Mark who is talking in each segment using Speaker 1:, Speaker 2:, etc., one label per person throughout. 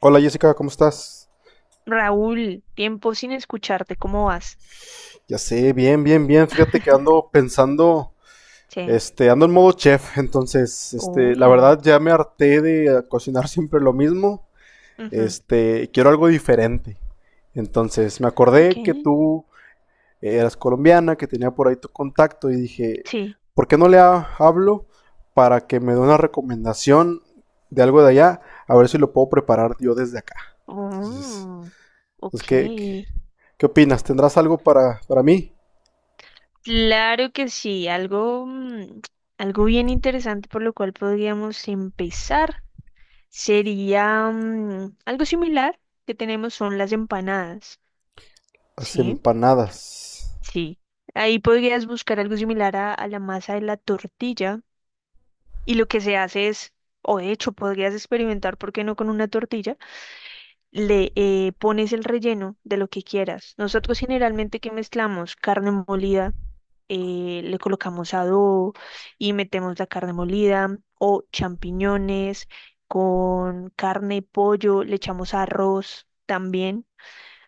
Speaker 1: Hola Jessica, ¿cómo estás?
Speaker 2: Raúl, tiempo sin escucharte, ¿cómo vas?
Speaker 1: Ya sé, bien, bien, bien. Fíjate que ando pensando,
Speaker 2: Sí.
Speaker 1: ando en modo chef. Entonces, la
Speaker 2: Uy.
Speaker 1: verdad ya me harté de cocinar siempre lo mismo.
Speaker 2: Ujú.
Speaker 1: Quiero algo diferente. Entonces, me
Speaker 2: Ok.
Speaker 1: acordé que tú eras colombiana, que tenía por ahí tu contacto y dije,
Speaker 2: Sí.
Speaker 1: ¿por qué no le ha- ¿hablo para que me dé una recomendación de algo de allá? A ver si lo puedo preparar yo desde acá. Entonces,
Speaker 2: Oh,
Speaker 1: pues,
Speaker 2: ok.
Speaker 1: ¿qué opinas? ¿Tendrás algo para mí?
Speaker 2: Claro que sí, algo bien interesante por lo cual podríamos empezar sería algo similar que tenemos son las empanadas.
Speaker 1: Las
Speaker 2: ¿Sí?
Speaker 1: empanadas.
Speaker 2: Sí. Ahí podrías buscar algo similar a la masa de la tortilla. Y lo que se hace es, o de hecho podrías experimentar, ¿por qué no con una tortilla? Le pones el relleno de lo que quieras. Nosotros generalmente que mezclamos carne molida, le colocamos adobo y metemos la carne molida o champiñones con carne, pollo, le echamos arroz también.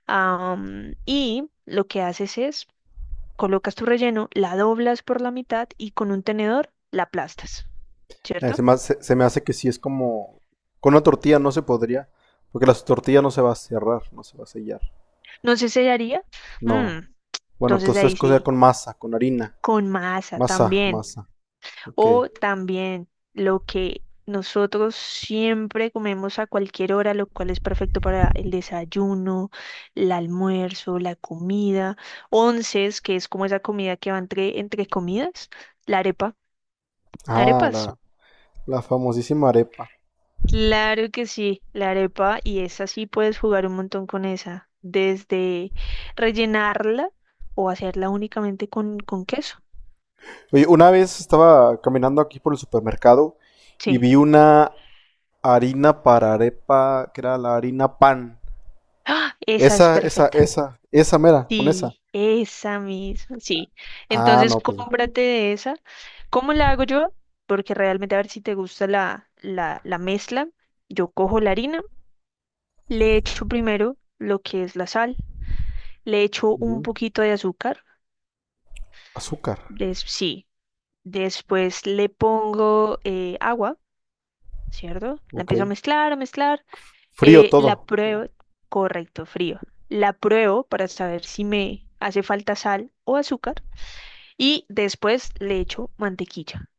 Speaker 2: Y lo que haces es, colocas tu relleno, la doblas por la mitad y con un tenedor la aplastas, ¿cierto?
Speaker 1: Se me hace que sí es como... Con una tortilla no se podría, porque la tortilla no se va a cerrar, no se va a sellar.
Speaker 2: No se sellaría. Mm,
Speaker 1: No. Bueno,
Speaker 2: entonces
Speaker 1: entonces
Speaker 2: ahí
Speaker 1: cocer
Speaker 2: sí,
Speaker 1: con masa, con harina.
Speaker 2: con masa
Speaker 1: Masa,
Speaker 2: también.
Speaker 1: masa. Ok.
Speaker 2: O también lo que nosotros siempre comemos a cualquier hora, lo cual es perfecto para el desayuno, el almuerzo, la comida. Onces, que es como esa comida que va entre comidas. La arepa.
Speaker 1: Ah,
Speaker 2: Arepas.
Speaker 1: la famosísima arepa.
Speaker 2: Claro que sí, la arepa. Y esa sí puedes jugar un montón con esa. Desde rellenarla o hacerla únicamente con queso.
Speaker 1: Oye, una vez estaba caminando aquí por el supermercado y
Speaker 2: Sí,
Speaker 1: vi una harina para arepa, que era la harina pan.
Speaker 2: ¡ah! Esa es
Speaker 1: Esa, esa,
Speaker 2: perfecta.
Speaker 1: esa, esa mera, con esa.
Speaker 2: Sí, esa misma. Sí.
Speaker 1: Ah,
Speaker 2: Entonces
Speaker 1: no, pues.
Speaker 2: cómprate de esa. ¿Cómo la hago yo? Porque realmente a ver si te gusta la mezcla. Yo cojo la harina, le echo primero lo que es la sal, le echo un
Speaker 1: Ujú.
Speaker 2: poquito de azúcar,
Speaker 1: Azúcar.
Speaker 2: sí. Después le pongo agua, ¿cierto? La
Speaker 1: Ok.
Speaker 2: empiezo a mezclar, a mezclar.
Speaker 1: Frío
Speaker 2: La
Speaker 1: todo.
Speaker 2: pruebo, correcto, frío. La pruebo para saber si me hace falta sal o azúcar. Y después le echo mantequilla.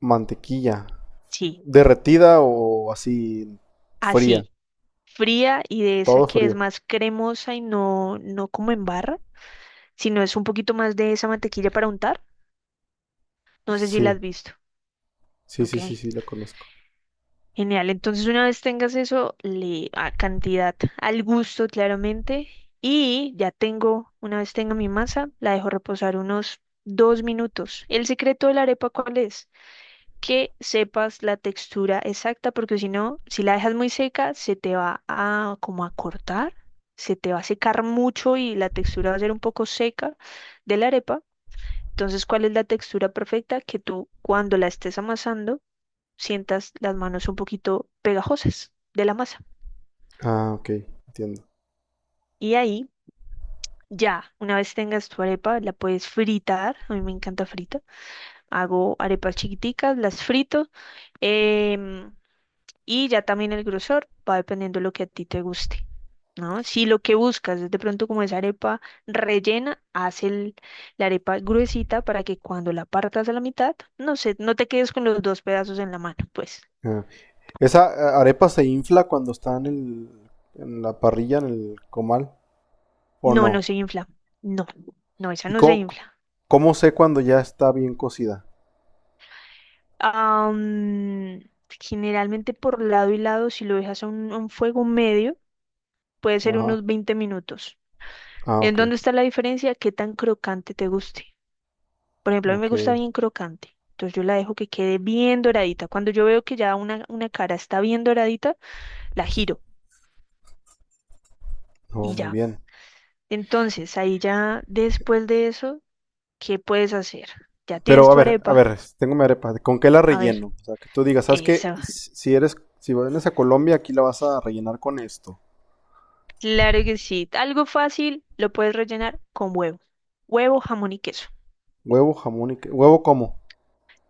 Speaker 1: Mantequilla.
Speaker 2: Sí,
Speaker 1: Derretida o así fría.
Speaker 2: así, fría y de esa
Speaker 1: Todo
Speaker 2: que es
Speaker 1: frío.
Speaker 2: más cremosa y no, no como en barra, sino es un poquito más de esa mantequilla para untar. No sé si la
Speaker 1: Sí,
Speaker 2: has visto.
Speaker 1: sí,
Speaker 2: Ok,
Speaker 1: sí, sí, sí, la conozco.
Speaker 2: genial. Entonces, una vez tengas eso, le a cantidad al gusto, claramente. Y ya tengo, una vez tenga mi masa, la dejo reposar unos 2 minutos. ¿El secreto de la arepa cuál es? Que sepas la textura exacta, porque si no, si la dejas muy seca, se te va a como a cortar, se te va a secar mucho y la textura va a ser un poco seca de la arepa. Entonces, ¿cuál es la textura perfecta? Que tú cuando la estés amasando, sientas las manos un poquito pegajosas de la masa.
Speaker 1: Ah, ok, entiendo.
Speaker 2: Y ahí... Ya, una vez tengas tu arepa, la puedes fritar. A mí me encanta frita. Hago arepas chiquiticas, las frito. em, Y ya también el grosor va dependiendo de lo que a ti te guste, ¿no? Si lo que buscas es de pronto como esa arepa rellena, haz la arepa gruesita para que cuando la partas a la mitad, no sé, no te quedes con los dos pedazos en la mano, pues.
Speaker 1: Ah, ¿esa arepa se infla cuando está en la parrilla, en el comal, o
Speaker 2: No, no
Speaker 1: no?
Speaker 2: se infla. No, no, esa
Speaker 1: ¿Y
Speaker 2: no se infla.
Speaker 1: cómo sé cuando ya está bien cocida?
Speaker 2: Am, Generalmente por lado y lado, si lo dejas a un fuego medio, puede ser
Speaker 1: Ajá.
Speaker 2: unos 20 minutos.
Speaker 1: Ah,
Speaker 2: ¿En
Speaker 1: ok,
Speaker 2: dónde está la diferencia? ¿Qué tan crocante te guste? Por ejemplo, a mí me
Speaker 1: ok.
Speaker 2: gusta bien crocante. Entonces yo la dejo que quede bien doradita. Cuando yo veo que ya una cara está bien doradita, la giro
Speaker 1: Oh,
Speaker 2: y
Speaker 1: muy
Speaker 2: ya.
Speaker 1: bien.
Speaker 2: Entonces ahí ya después de eso, ¿qué puedes hacer? Ya
Speaker 1: Pero
Speaker 2: tienes tu
Speaker 1: a
Speaker 2: arepa.
Speaker 1: ver, tengo mi arepa. ¿Con qué la
Speaker 2: A ver,
Speaker 1: relleno? O sea, que tú digas, ¿sabes qué?
Speaker 2: esa.
Speaker 1: Si vienes a Colombia, aquí la vas a rellenar con esto.
Speaker 2: Claro que sí. Algo fácil, lo puedes rellenar con huevo. Huevo, jamón y queso.
Speaker 1: Huevo, jamón y... ¿huevo cómo?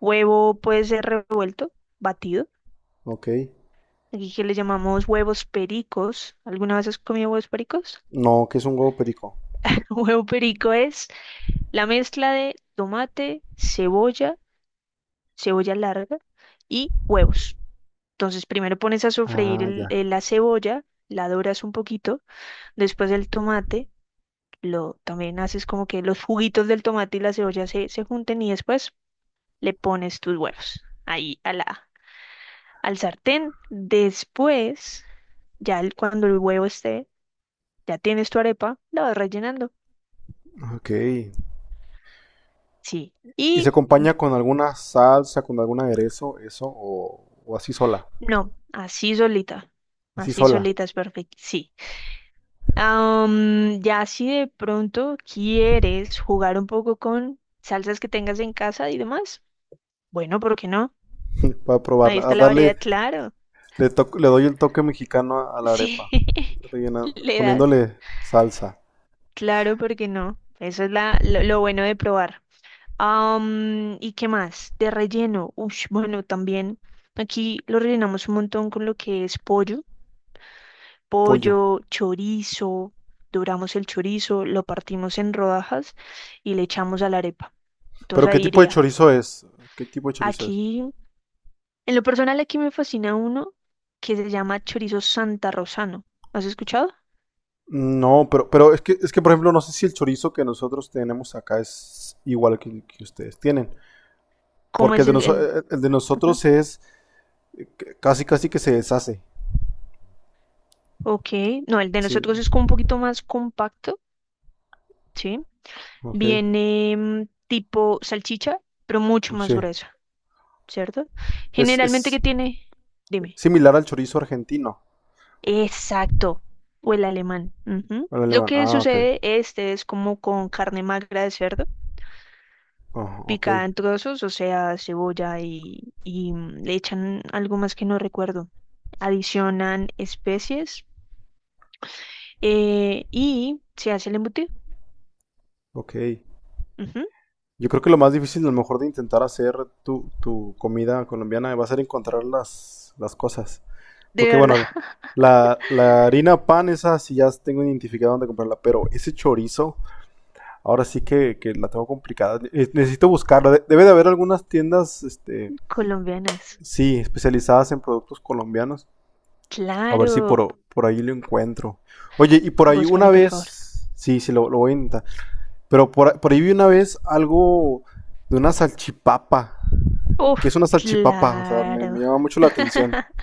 Speaker 2: Huevo puede ser revuelto, batido.
Speaker 1: Ok.
Speaker 2: Aquí que le llamamos huevos pericos. ¿Alguna vez has comido huevos pericos?
Speaker 1: No, que es un huevo perico?
Speaker 2: Huevo perico es la mezcla de tomate, cebolla, cebolla larga y huevos. Entonces, primero pones a sofreír
Speaker 1: Ah, ya.
Speaker 2: la cebolla, la doras un poquito, después el tomate, lo también haces como que los juguitos del tomate y la cebolla se junten y después le pones tus huevos ahí a al sartén. Después, ya cuando el huevo esté, ya tienes tu arepa, la vas rellenando.
Speaker 1: Ok.
Speaker 2: Sí.
Speaker 1: ¿Y se
Speaker 2: Y
Speaker 1: acompaña con alguna salsa, con algún aderezo, eso? O así sola?
Speaker 2: no, así solita.
Speaker 1: Así
Speaker 2: Así
Speaker 1: sola,
Speaker 2: solita es perfecto. Sí. Ya si de pronto quieres jugar un poco con salsas que tengas en casa y demás, bueno, ¿por qué no?
Speaker 1: para
Speaker 2: Ahí
Speaker 1: probarla. A
Speaker 2: está la
Speaker 1: darle,
Speaker 2: variedad, claro.
Speaker 1: le doy el toque mexicano a la
Speaker 2: Sí,
Speaker 1: arepa, rellena-
Speaker 2: le das.
Speaker 1: poniéndole salsa,
Speaker 2: Claro, ¿por qué no? Eso es lo bueno de probar. ¿Y qué más? De relleno. Ush, bueno, también aquí lo rellenamos un montón con lo que es pollo.
Speaker 1: pollo.
Speaker 2: Pollo, chorizo, doramos el chorizo, lo partimos en rodajas y le echamos a la arepa. Entonces
Speaker 1: ¿Pero qué
Speaker 2: ahí
Speaker 1: tipo de
Speaker 2: iría.
Speaker 1: chorizo es? ¿Qué tipo de chorizo es?
Speaker 2: Aquí, en lo personal, aquí me fascina uno que se llama chorizo Santa Rosano. ¿Has escuchado?
Speaker 1: No, pero es que, por ejemplo, no sé si el chorizo que nosotros tenemos acá es igual que ustedes tienen.
Speaker 2: ¿Cómo
Speaker 1: Porque el
Speaker 2: es
Speaker 1: de,
Speaker 2: el, el...
Speaker 1: el de
Speaker 2: Ajá.
Speaker 1: nosotros es casi, casi que se deshace.
Speaker 2: Ok, no, el de
Speaker 1: Sí,
Speaker 2: nosotros es como un poquito más compacto, ¿sí?
Speaker 1: ok.
Speaker 2: Viene tipo salchicha, pero mucho más
Speaker 1: Sí.
Speaker 2: gruesa, ¿cierto? Generalmente
Speaker 1: Es
Speaker 2: que tiene, dime.
Speaker 1: similar al chorizo argentino,
Speaker 2: Exacto, o el alemán. Ujú.
Speaker 1: al
Speaker 2: Lo
Speaker 1: alemán.
Speaker 2: que
Speaker 1: Ah, ok.
Speaker 2: sucede, este es como con carne magra de cerdo,
Speaker 1: Ah, ok,
Speaker 2: picada en trozos, o sea, cebolla y le echan algo más que no recuerdo. Adicionan especies y se hace el embutido.
Speaker 1: ok.
Speaker 2: Ujú.
Speaker 1: Yo creo que lo más difícil, a lo mejor, de intentar hacer tu comida colombiana va a ser encontrar las cosas.
Speaker 2: De
Speaker 1: Porque
Speaker 2: verdad,
Speaker 1: bueno, la harina pan, esa sí ya tengo identificado dónde comprarla, pero ese chorizo, ahora sí que la tengo complicada. Necesito buscarla. Debe de haber algunas tiendas, este,
Speaker 2: colombianas.
Speaker 1: sí, especializadas en productos colombianos. A ver si
Speaker 2: Claro,
Speaker 1: por, por ahí lo encuentro. Oye, y por ahí una
Speaker 2: búscalo por favor.
Speaker 1: vez, sí, sí, lo voy a intentar. Pero por ahí vi una vez algo de una salchipapa.
Speaker 2: Uf,
Speaker 1: ¿Qué es una salchipapa? O sea,
Speaker 2: claro.
Speaker 1: me llama mucho la atención.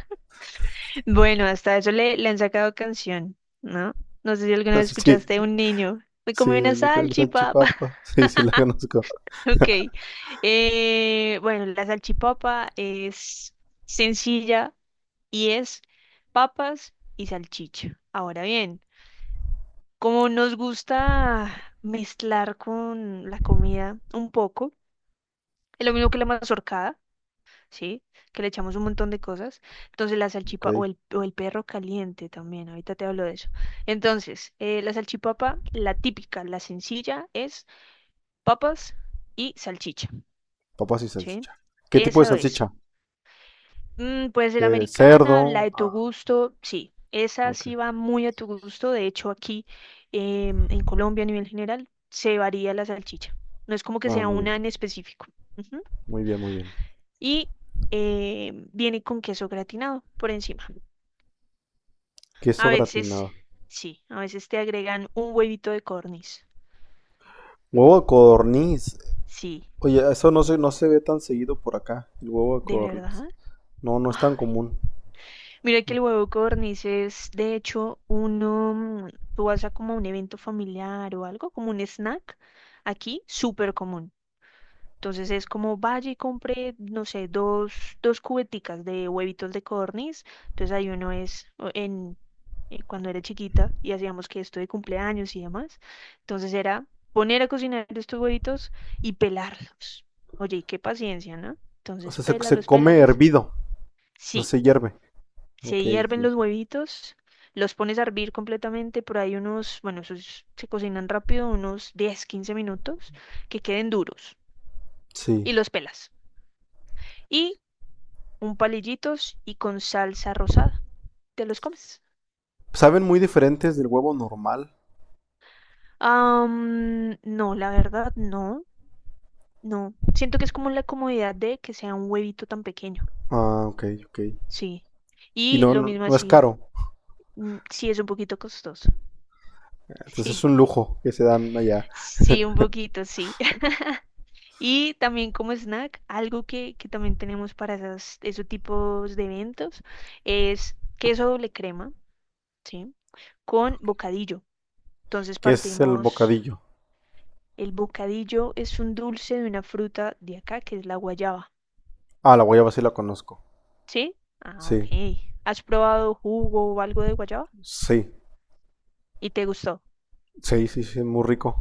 Speaker 2: Bueno, hasta eso le han sacado canción, ¿no? No sé si alguna
Speaker 1: No
Speaker 2: vez
Speaker 1: si,
Speaker 2: escuchaste un niño. Me
Speaker 1: sí,
Speaker 2: comí una
Speaker 1: le comen
Speaker 2: salchipapa.
Speaker 1: salchipapa. Sí, sí, la conozco.
Speaker 2: Ok. Bueno, la salchipapa es sencilla y es papas y salchicha. Ahora bien, como nos gusta mezclar con la comida un poco, es lo mismo que la mazorcada. ¿Sí? Que le echamos un montón de cosas. Entonces la
Speaker 1: Ok.
Speaker 2: salchipapa o el perro caliente también, ahorita te hablo de eso. Entonces, la salchipapa, la típica, la sencilla, es papas y salchicha,
Speaker 1: Papas y
Speaker 2: ¿sí?
Speaker 1: salchicha. ¿Qué tipo de
Speaker 2: Eso es.
Speaker 1: salchicha?
Speaker 2: Puede ser
Speaker 1: De
Speaker 2: americana, la
Speaker 1: cerdo.
Speaker 2: de tu
Speaker 1: Ah,
Speaker 2: gusto, sí. Esa
Speaker 1: ok.
Speaker 2: sí va muy a tu gusto. De hecho, aquí en Colombia a nivel general se varía la salchicha. No es como que
Speaker 1: Ah,
Speaker 2: sea
Speaker 1: muy bien.
Speaker 2: una en específico. Ujú.
Speaker 1: Muy bien, muy bien.
Speaker 2: Y viene con queso gratinado por encima. A
Speaker 1: Queso
Speaker 2: veces,
Speaker 1: gratinado.
Speaker 2: sí, a veces te agregan un huevito de corniz.
Speaker 1: Huevo de codorniz.
Speaker 2: Sí,
Speaker 1: Oye, eso no se ve tan seguido por acá, el huevo de
Speaker 2: ¿de
Speaker 1: codorniz.
Speaker 2: verdad?
Speaker 1: No, no es tan
Speaker 2: Ay,
Speaker 1: común.
Speaker 2: mira que el huevo de corniz es, de hecho, uno, tú vas a como un evento familiar o algo, como un snack, aquí, súper común. Entonces es como vaya y compre, no sé, dos cubeticas de huevitos de corniz. Entonces ahí uno es o en cuando era chiquita y hacíamos que esto de cumpleaños y demás. Entonces era poner a cocinar estos huevitos y pelarlos. Oye, y qué paciencia, ¿no?
Speaker 1: O
Speaker 2: Entonces,
Speaker 1: sea, se
Speaker 2: pélalos,
Speaker 1: come
Speaker 2: pélalos.
Speaker 1: hervido. O sea,
Speaker 2: Sí,
Speaker 1: se hierve. Ok,
Speaker 2: se hierven
Speaker 1: sí.
Speaker 2: los
Speaker 1: Sí.
Speaker 2: huevitos, los pones a hervir completamente por ahí unos, bueno, esos se cocinan rápido, unos 10 a 15 minutos, que queden duros
Speaker 1: Sí.
Speaker 2: y los pelas. Y un palillitos y con salsa rosada, te los comes.
Speaker 1: Saben muy diferentes del huevo normal.
Speaker 2: No, la verdad no. No, siento que es como la comodidad de que sea un huevito tan pequeño.
Speaker 1: Ah, ok, ok.
Speaker 2: Sí.
Speaker 1: Y
Speaker 2: Y
Speaker 1: no,
Speaker 2: lo
Speaker 1: no,
Speaker 2: mismo
Speaker 1: no es
Speaker 2: así,
Speaker 1: caro.
Speaker 2: sí es un poquito costoso.
Speaker 1: Entonces es
Speaker 2: Sí,
Speaker 1: un lujo que se dan allá.
Speaker 2: sí, un poquito, sí. Y también como snack, algo que también tenemos para esos tipos de eventos es queso doble crema, ¿sí? Con bocadillo. Entonces
Speaker 1: ¿Qué es el
Speaker 2: partimos,
Speaker 1: bocadillo?
Speaker 2: el bocadillo es un dulce de una fruta de acá, que es la guayaba,
Speaker 1: Ah, la guayaba sí la conozco.
Speaker 2: ¿sí? Ah, ok.
Speaker 1: Sí,
Speaker 2: ¿Has probado jugo o algo de guayaba?
Speaker 1: sí,
Speaker 2: Y te gustó.
Speaker 1: sí, sí, sí, muy rico.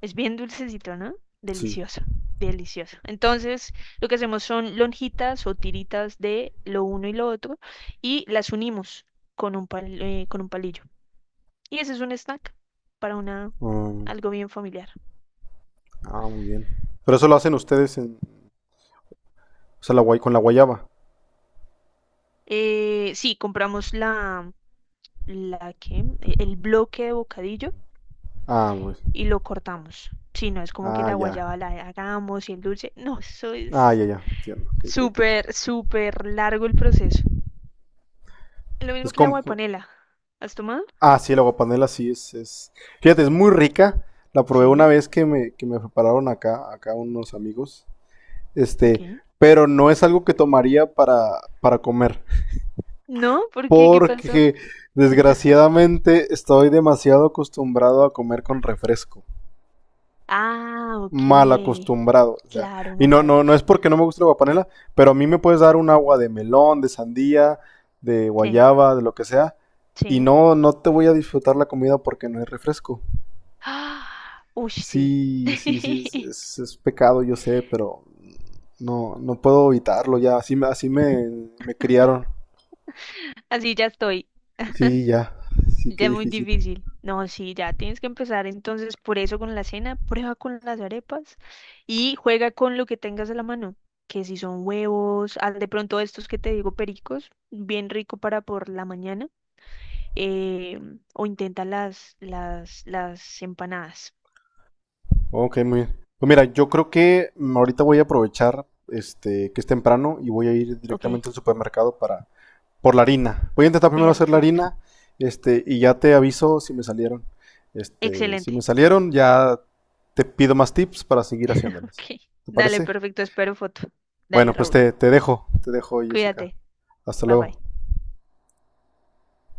Speaker 2: Es bien dulcecito, ¿no?
Speaker 1: Sí.
Speaker 2: Delicioso, delicioso. Entonces, lo que hacemos son lonjitas o tiritas de lo uno y lo otro y las unimos con un con un palillo. Y ese es un snack para una
Speaker 1: Mm,
Speaker 2: algo bien familiar.
Speaker 1: ah, muy bien. Pero eso lo hacen ustedes en, o sea, la guay, con la guayaba.
Speaker 2: Sí, compramos el bloque de bocadillo
Speaker 1: Ah, pues.
Speaker 2: y lo cortamos. Sí, no es como que
Speaker 1: Ah,
Speaker 2: la
Speaker 1: ya.
Speaker 2: guayaba la hagamos y el dulce. No, eso
Speaker 1: Ah,
Speaker 2: es
Speaker 1: ya, ya. Entiendo. Ok, ok.
Speaker 2: súper, súper largo el proceso. Lo
Speaker 1: Es
Speaker 2: mismo que la
Speaker 1: con...
Speaker 2: guapanela. ¿Has tomado?
Speaker 1: Ah, sí, la guapanela sí es... Fíjate, es muy rica. La probé una
Speaker 2: Sí,
Speaker 1: vez que me prepararon acá, acá unos amigos. Este,
Speaker 2: ok.
Speaker 1: pero no es algo que tomaría para comer.
Speaker 2: No, ¿por qué? ¿Qué pasó?
Speaker 1: Porque desgraciadamente estoy demasiado acostumbrado a comer con refresco.
Speaker 2: Ah, ok.
Speaker 1: Mal acostumbrado. O sea,
Speaker 2: Claro,
Speaker 1: y no,
Speaker 2: mala
Speaker 1: no, no es
Speaker 2: costumbre.
Speaker 1: porque no me guste la guapanela, pero a mí me puedes dar un agua de melón, de sandía, de
Speaker 2: Sí,
Speaker 1: guayaba, de lo que sea. Y
Speaker 2: sí.
Speaker 1: no, no te voy a disfrutar la comida porque no hay refresco.
Speaker 2: Ah, uy, sí.
Speaker 1: Sí, sí, sí, es pecado, yo sé, pero no, no puedo evitarlo ya. Así, así me criaron.
Speaker 2: Así ya estoy.
Speaker 1: Sí, ya. Sí, qué
Speaker 2: Ya es muy
Speaker 1: difícil.
Speaker 2: difícil. No, sí, ya tienes que empezar entonces por eso con la cena, prueba con las arepas y juega con lo que tengas a la mano, que si son huevos, ah, de pronto estos que te digo pericos, bien rico para por la mañana. eh, o intenta las empanadas.
Speaker 1: Ok, muy bien. Pues mira, yo creo que mm, ahorita voy a aprovechar este que es temprano y voy a ir
Speaker 2: Ok,
Speaker 1: directamente al supermercado para por la harina. Voy a intentar primero hacer la
Speaker 2: perfecto.
Speaker 1: harina, este, y ya te aviso si me salieron. Este, si me
Speaker 2: Excelente.
Speaker 1: salieron, ya te pido más tips para seguir haciéndolas.
Speaker 2: Ok,
Speaker 1: ¿Te
Speaker 2: dale,
Speaker 1: parece?
Speaker 2: perfecto. Espero foto. Dale,
Speaker 1: Bueno, pues
Speaker 2: Raúl.
Speaker 1: te, te dejo, Jessica.
Speaker 2: Cuídate.
Speaker 1: Hasta
Speaker 2: Bye
Speaker 1: luego.
Speaker 2: bye.